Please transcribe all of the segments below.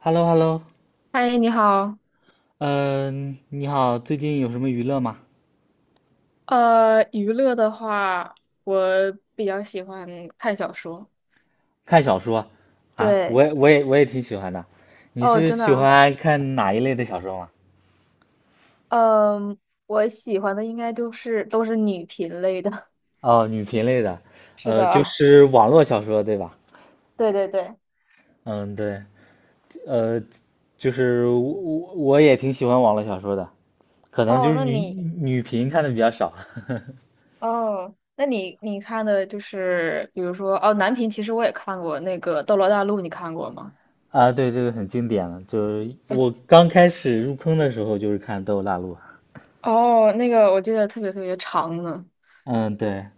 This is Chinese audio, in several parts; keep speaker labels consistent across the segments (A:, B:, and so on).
A: 哈喽哈喽，
B: 嗨，你好。
A: 嗯、你好，最近有什么娱乐吗？
B: 娱乐的话，我比较喜欢看小说。
A: 看小说啊，我
B: 对。
A: 也我也我也挺喜欢的。你
B: 哦，
A: 是
B: 真的
A: 喜
B: 啊。
A: 欢看哪一类的小说吗？
B: 嗯，我喜欢的应该就是都是女频类的。
A: 哦，女频类的，
B: 是
A: 就
B: 的。
A: 是网络小说，对吧？
B: 对对对。
A: 嗯，对，呃，就是我也挺喜欢网络小说的，可能就
B: 哦，
A: 是
B: 那
A: 女
B: 你，
A: 女频看的比较少。
B: 哦，那你你看的就是，比如说，哦，男频其实我也看过那个《斗罗大陆》，你看过吗？
A: 啊，对，这个很经典了，就是我刚开始入坑的时候就是看《斗罗大陆》。
B: 哦，那个我记得特别特别长呢。
A: 嗯，对，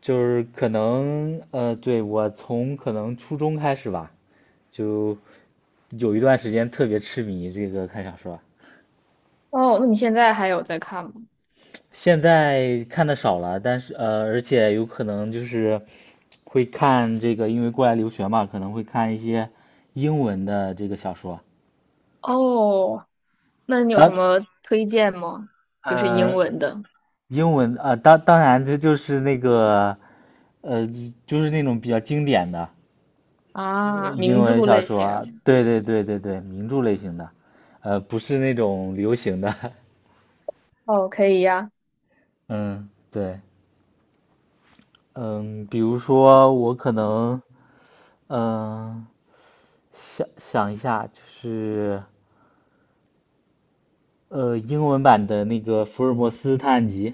A: 就是可能对，我从可能初中开始吧，就有一段时间特别痴迷这个看小说，
B: 哦，那你现在还有在看吗？
A: 现在看的少了，但是而且有可能就是会看这个，因为过来留学嘛，可能会看一些英文的这个小说。
B: 哦，那你有什
A: 当
B: 么推荐吗？就是英
A: 呃，
B: 文的。
A: 英文啊、当然这就是那个呃，就是那种比较经典的，
B: 啊，
A: 英
B: 名著
A: 文小
B: 类
A: 说啊，
B: 型。
A: 对，名著类型的，呃，不是那种流行的，
B: 哦，可以呀。
A: 嗯，对，嗯，比如说我可能，嗯，想一下，就是，呃，英文版的那个《福尔摩斯探案集》，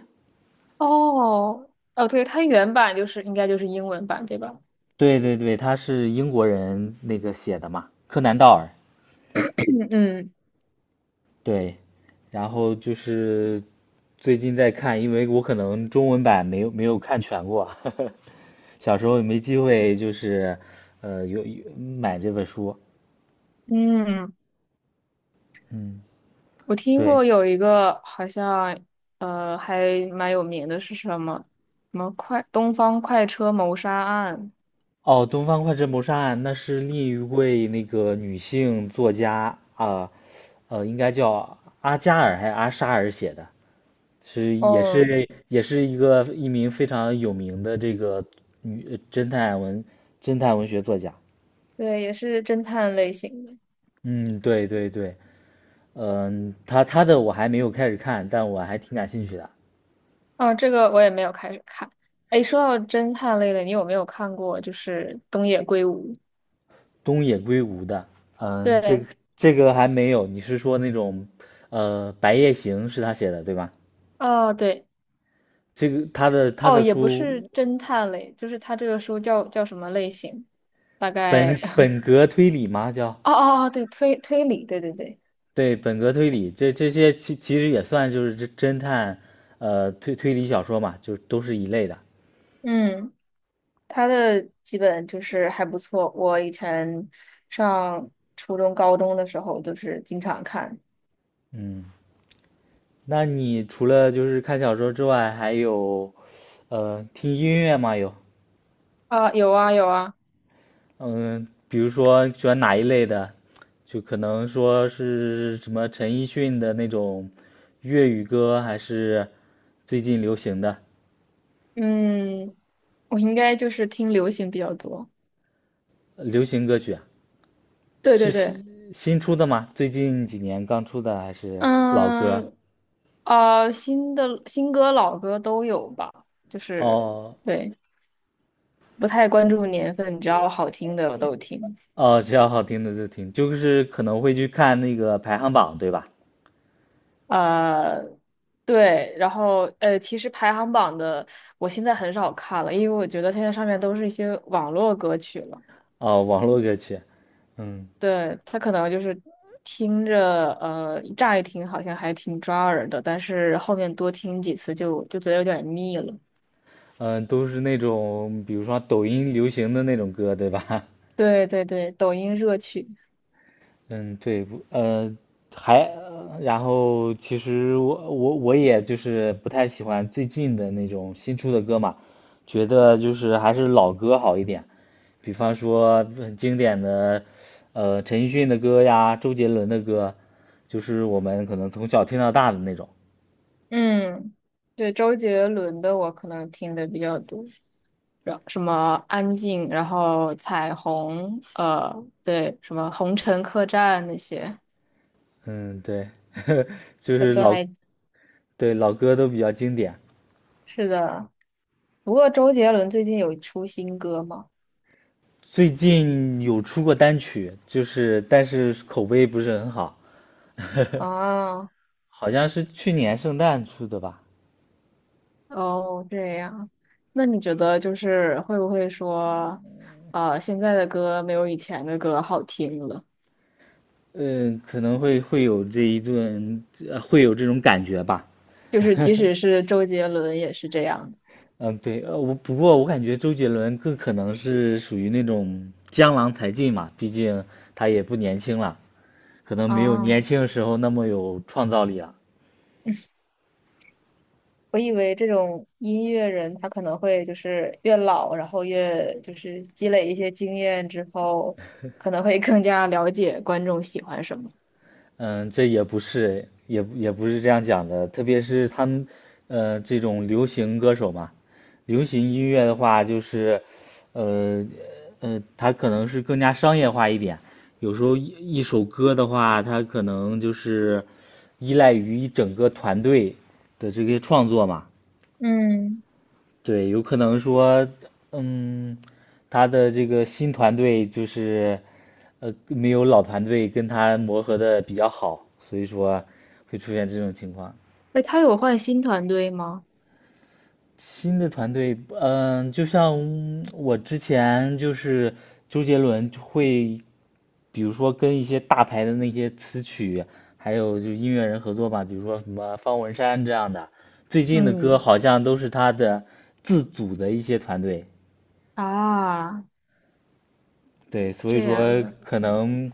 B: 哦，哦，对，它原版就是应该就是英文版，对吧？
A: 对，他是英国人那个写的嘛，柯南道尔，
B: 嗯
A: 对，然后就是最近在看，因为我可能中文版没有看全过，小时候没机会，就是呃有买这本书。
B: 嗯。嗯，
A: 嗯，
B: 我听
A: 对，
B: 过有一个好像还蛮有名的是什么什么快东方快车谋杀案。
A: 哦，《东方快车谋杀案》那是另一位那个女性作家啊，呃，应该叫阿加尔还是阿沙尔写的，是也
B: 哦，
A: 是也是一个一名非常有名的这个女侦探文侦探文学作家。
B: 对，也是侦探类型的。
A: 嗯，对，嗯，他的我还没有开始看，但我还挺感兴趣的。
B: 哦，这个我也没有开始看。哎，说到侦探类的，你有没有看过就是东野圭吾？
A: 东野圭吾的，嗯，
B: 对。
A: 这个还没有。你是说那种，呃，《白夜行》是他写的对吧？
B: 哦，对。
A: 这个他的他
B: 哦，
A: 的
B: 也不是
A: 书
B: 侦探类，就是它这个书叫叫什么类型？大概，
A: 本格推理吗？叫
B: 哦哦哦，对，推推理，对对对。
A: 对本格推理，这这些其实也算就是侦探，呃，推理小说嘛，就都是一类的。
B: 嗯，他的基本就是还不错。我以前上初中、高中的时候，就是经常看。
A: 嗯，那你除了就是看小说之外，还有，呃，听音乐吗？有？
B: 啊，有啊有啊。
A: 嗯，比如说喜欢哪一类的，就可能说是什么陈奕迅的那种粤语歌，还是最近流行的
B: 嗯，我应该就是听流行比较多。
A: 流行歌曲啊，
B: 对
A: 是
B: 对对。
A: 新出的吗？最近几年刚出的，还是老歌？
B: 嗯，啊，新的新歌老歌都有吧，就是
A: 哦
B: 对。不太关注年份，只要好听的我都听。
A: 哦，只要好听的就听，就是可能会去看那个排行榜，对吧？
B: 呃，对，然后其实排行榜的我现在很少看了，因为我觉得现在上面都是一些网络歌曲了。
A: 哦，网络歌曲，嗯
B: 对，它可能就是听着乍一听好像还挺抓耳的，但是后面多听几次就觉得有点腻了。
A: 嗯，都是那种比如说抖音流行的那种歌，对吧？
B: 对对对，抖音热曲。
A: 嗯，对，不呃，然后其实我也就是不太喜欢最近的那种新出的歌嘛，觉得就是还是老歌好一点，比方说很经典的，呃，陈奕迅的歌呀，周杰伦的歌，就是我们可能从小听到大的那种。
B: 嗯，对，周杰伦的我可能听的比较多。然什么安静，然后彩虹，对，什么红尘客栈那些。
A: 嗯，对，就
B: 呃
A: 是
B: 对，还
A: 对，老歌都比较经典。
B: 是的。不过周杰伦最近有出新歌吗？
A: 最近有出过单曲，就是但是口碑不是很好。
B: 啊，
A: 好像是去年圣诞出的吧，
B: 哦，这样。那你觉得就是会不会说，啊，现在的歌没有以前的歌好听了？
A: 嗯，可能会有这一顿，会有这种感觉吧。
B: 就是即 使是周杰伦也是这样的
A: 嗯，对，我不过我感觉周杰伦更可能是属于那种江郎才尽嘛，毕竟他也不年轻了，可能没有
B: 啊。
A: 年轻的时候那么有创造力了。
B: 我以为这种音乐人，他可能会就是越老，然后越就是积累一些经验之后，可能会更加了解观众喜欢什么。
A: 嗯，这也不是，也不是这样讲的。特别是他们，呃，这种流行歌手嘛，流行音乐的话，就是，呃，他可能是更加商业化一点。有时候一首歌的话，他可能就是依赖于一整个团队的这些创作嘛。
B: 嗯。
A: 对，有可能说，嗯，他的这个新团队就是，呃，没有老团队跟他磨合的比较好，所以说会出现这种情况。
B: 哎，他有换新团队吗？
A: 新的团队，嗯，就像我之前就是周杰伦就会，比如说跟一些大牌的那些词曲，还有就是音乐人合作吧，比如说什么方文山这样的，最近的歌
B: 嗯，
A: 好像都是他的自组的一些团队。
B: 啊，
A: 对，所以
B: 这样
A: 说
B: 的。
A: 可能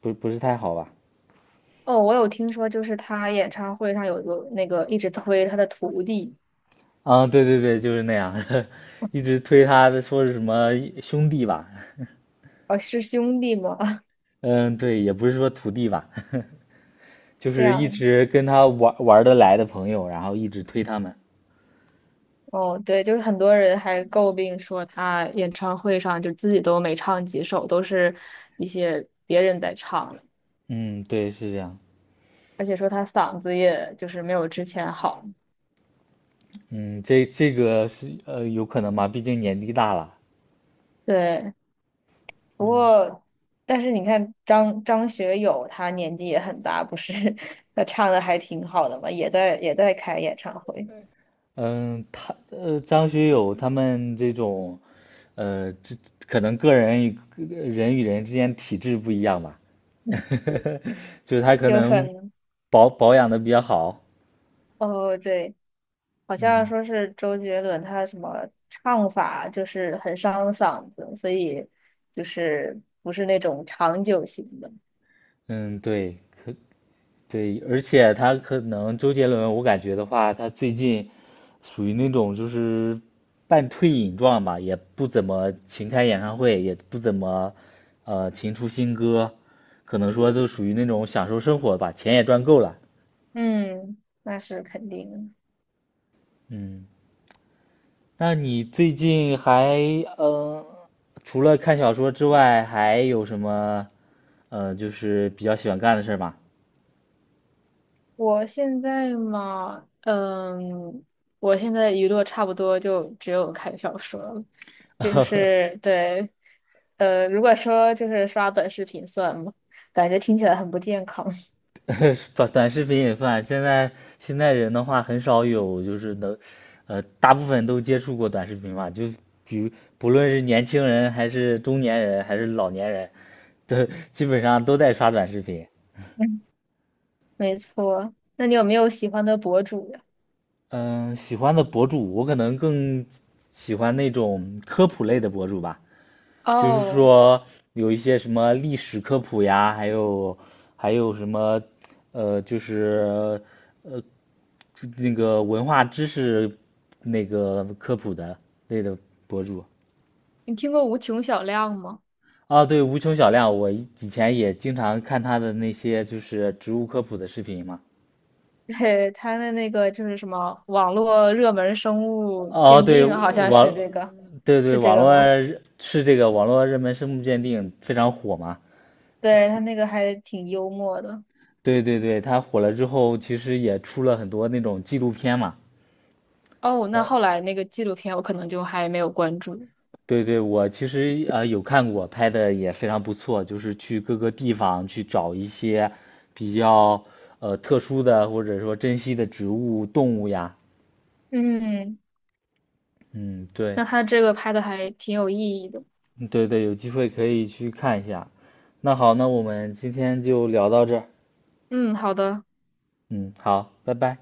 A: 不是太好吧。
B: 哦，我有听说，就是他演唱会上有一个那个一直推他的徒弟。
A: 啊，对，就是那样，一直推他的说是什么兄弟吧，
B: 哦，是兄弟吗？
A: 嗯，对，也不是说徒弟吧，就
B: 这
A: 是一
B: 样
A: 直跟他玩得来的朋友，然后一直推他们。
B: 哦，对，就是很多人还诟病说他演唱会上就自己都没唱几首，都是一些别人在唱的。
A: 嗯，对，是这样。
B: 而且说他嗓子也就是没有之前好。
A: 嗯，这这个是呃有可能吧，毕竟年纪大了。
B: 对，不
A: 嗯
B: 过但是你看张学友，他年纪也很大，不是 他唱的还挺好的嘛，也在也在开演唱会，
A: 嗯，他呃，张学友他们这种，呃，这可能个人与人之间体质不一样吧，就是他可
B: 有可
A: 能
B: 能。
A: 保养的比较好，
B: 哦，对。好像
A: 嗯
B: 说是周杰伦他什么唱法就是很伤嗓子，所以就是不是那种长久型的。
A: 嗯，对，可对，而且他可能周杰伦，我感觉的话，他最近属于那种就是半退隐状吧，也不怎么勤开演唱会，也不怎么勤出新歌，可能说都属于那种享受生活吧，钱也赚够了。
B: 嗯，那是肯定的。
A: 嗯，那你最近还呃，除了看小说之外，还有什么就是比较喜欢干的事儿吗？
B: 我现在嘛，嗯，我现在娱乐差不多就只有看小说了，就 是对，如果说就是刷短视频算吗？感觉听起来很不健康。
A: 短视频也算。现在现在人的话很少有就是能，呃，大部分都接触过短视频吧。比如不论是年轻人还是中年人还是老年人，都基本上都在刷短视频。
B: 嗯，没错。那你有没有喜欢的博主呀？
A: 嗯，喜欢的博主我可能更喜欢那种科普类的博主吧，就是
B: 哦。
A: 说有一些什么历史科普呀，还有什么呃，就是呃那个文化知识那个科普的类的博主。
B: 你听过无穷小亮吗？
A: 啊，对，无穷小亮，我以前也经常看他的那些就是植物科普的视频嘛。
B: 对，他的那个就是什么网络热门生物
A: 哦，
B: 鉴定，好像是这个，
A: 对对，
B: 是这
A: 网
B: 个
A: 络
B: 吗？
A: 热是这个网络热门生物鉴定非常火嘛。
B: 对，他那个还挺幽默的。
A: 对对对，他火了之后，其实也出了很多那种纪录片嘛。
B: 哦，那后来那个纪录片我可能就还没有关注。
A: 对对，我其实呃有看过，拍的也非常不错，就是去各个地方去找一些比较呃特殊的或者说珍稀的植物、动物呀。
B: 嗯，
A: 嗯，对，
B: 那他这个拍的还挺有意义的。
A: 嗯对对，有机会可以去看一下。那好，那我们今天就聊到这儿。
B: 嗯，好的，
A: 嗯，好，拜拜。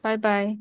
B: 拜拜。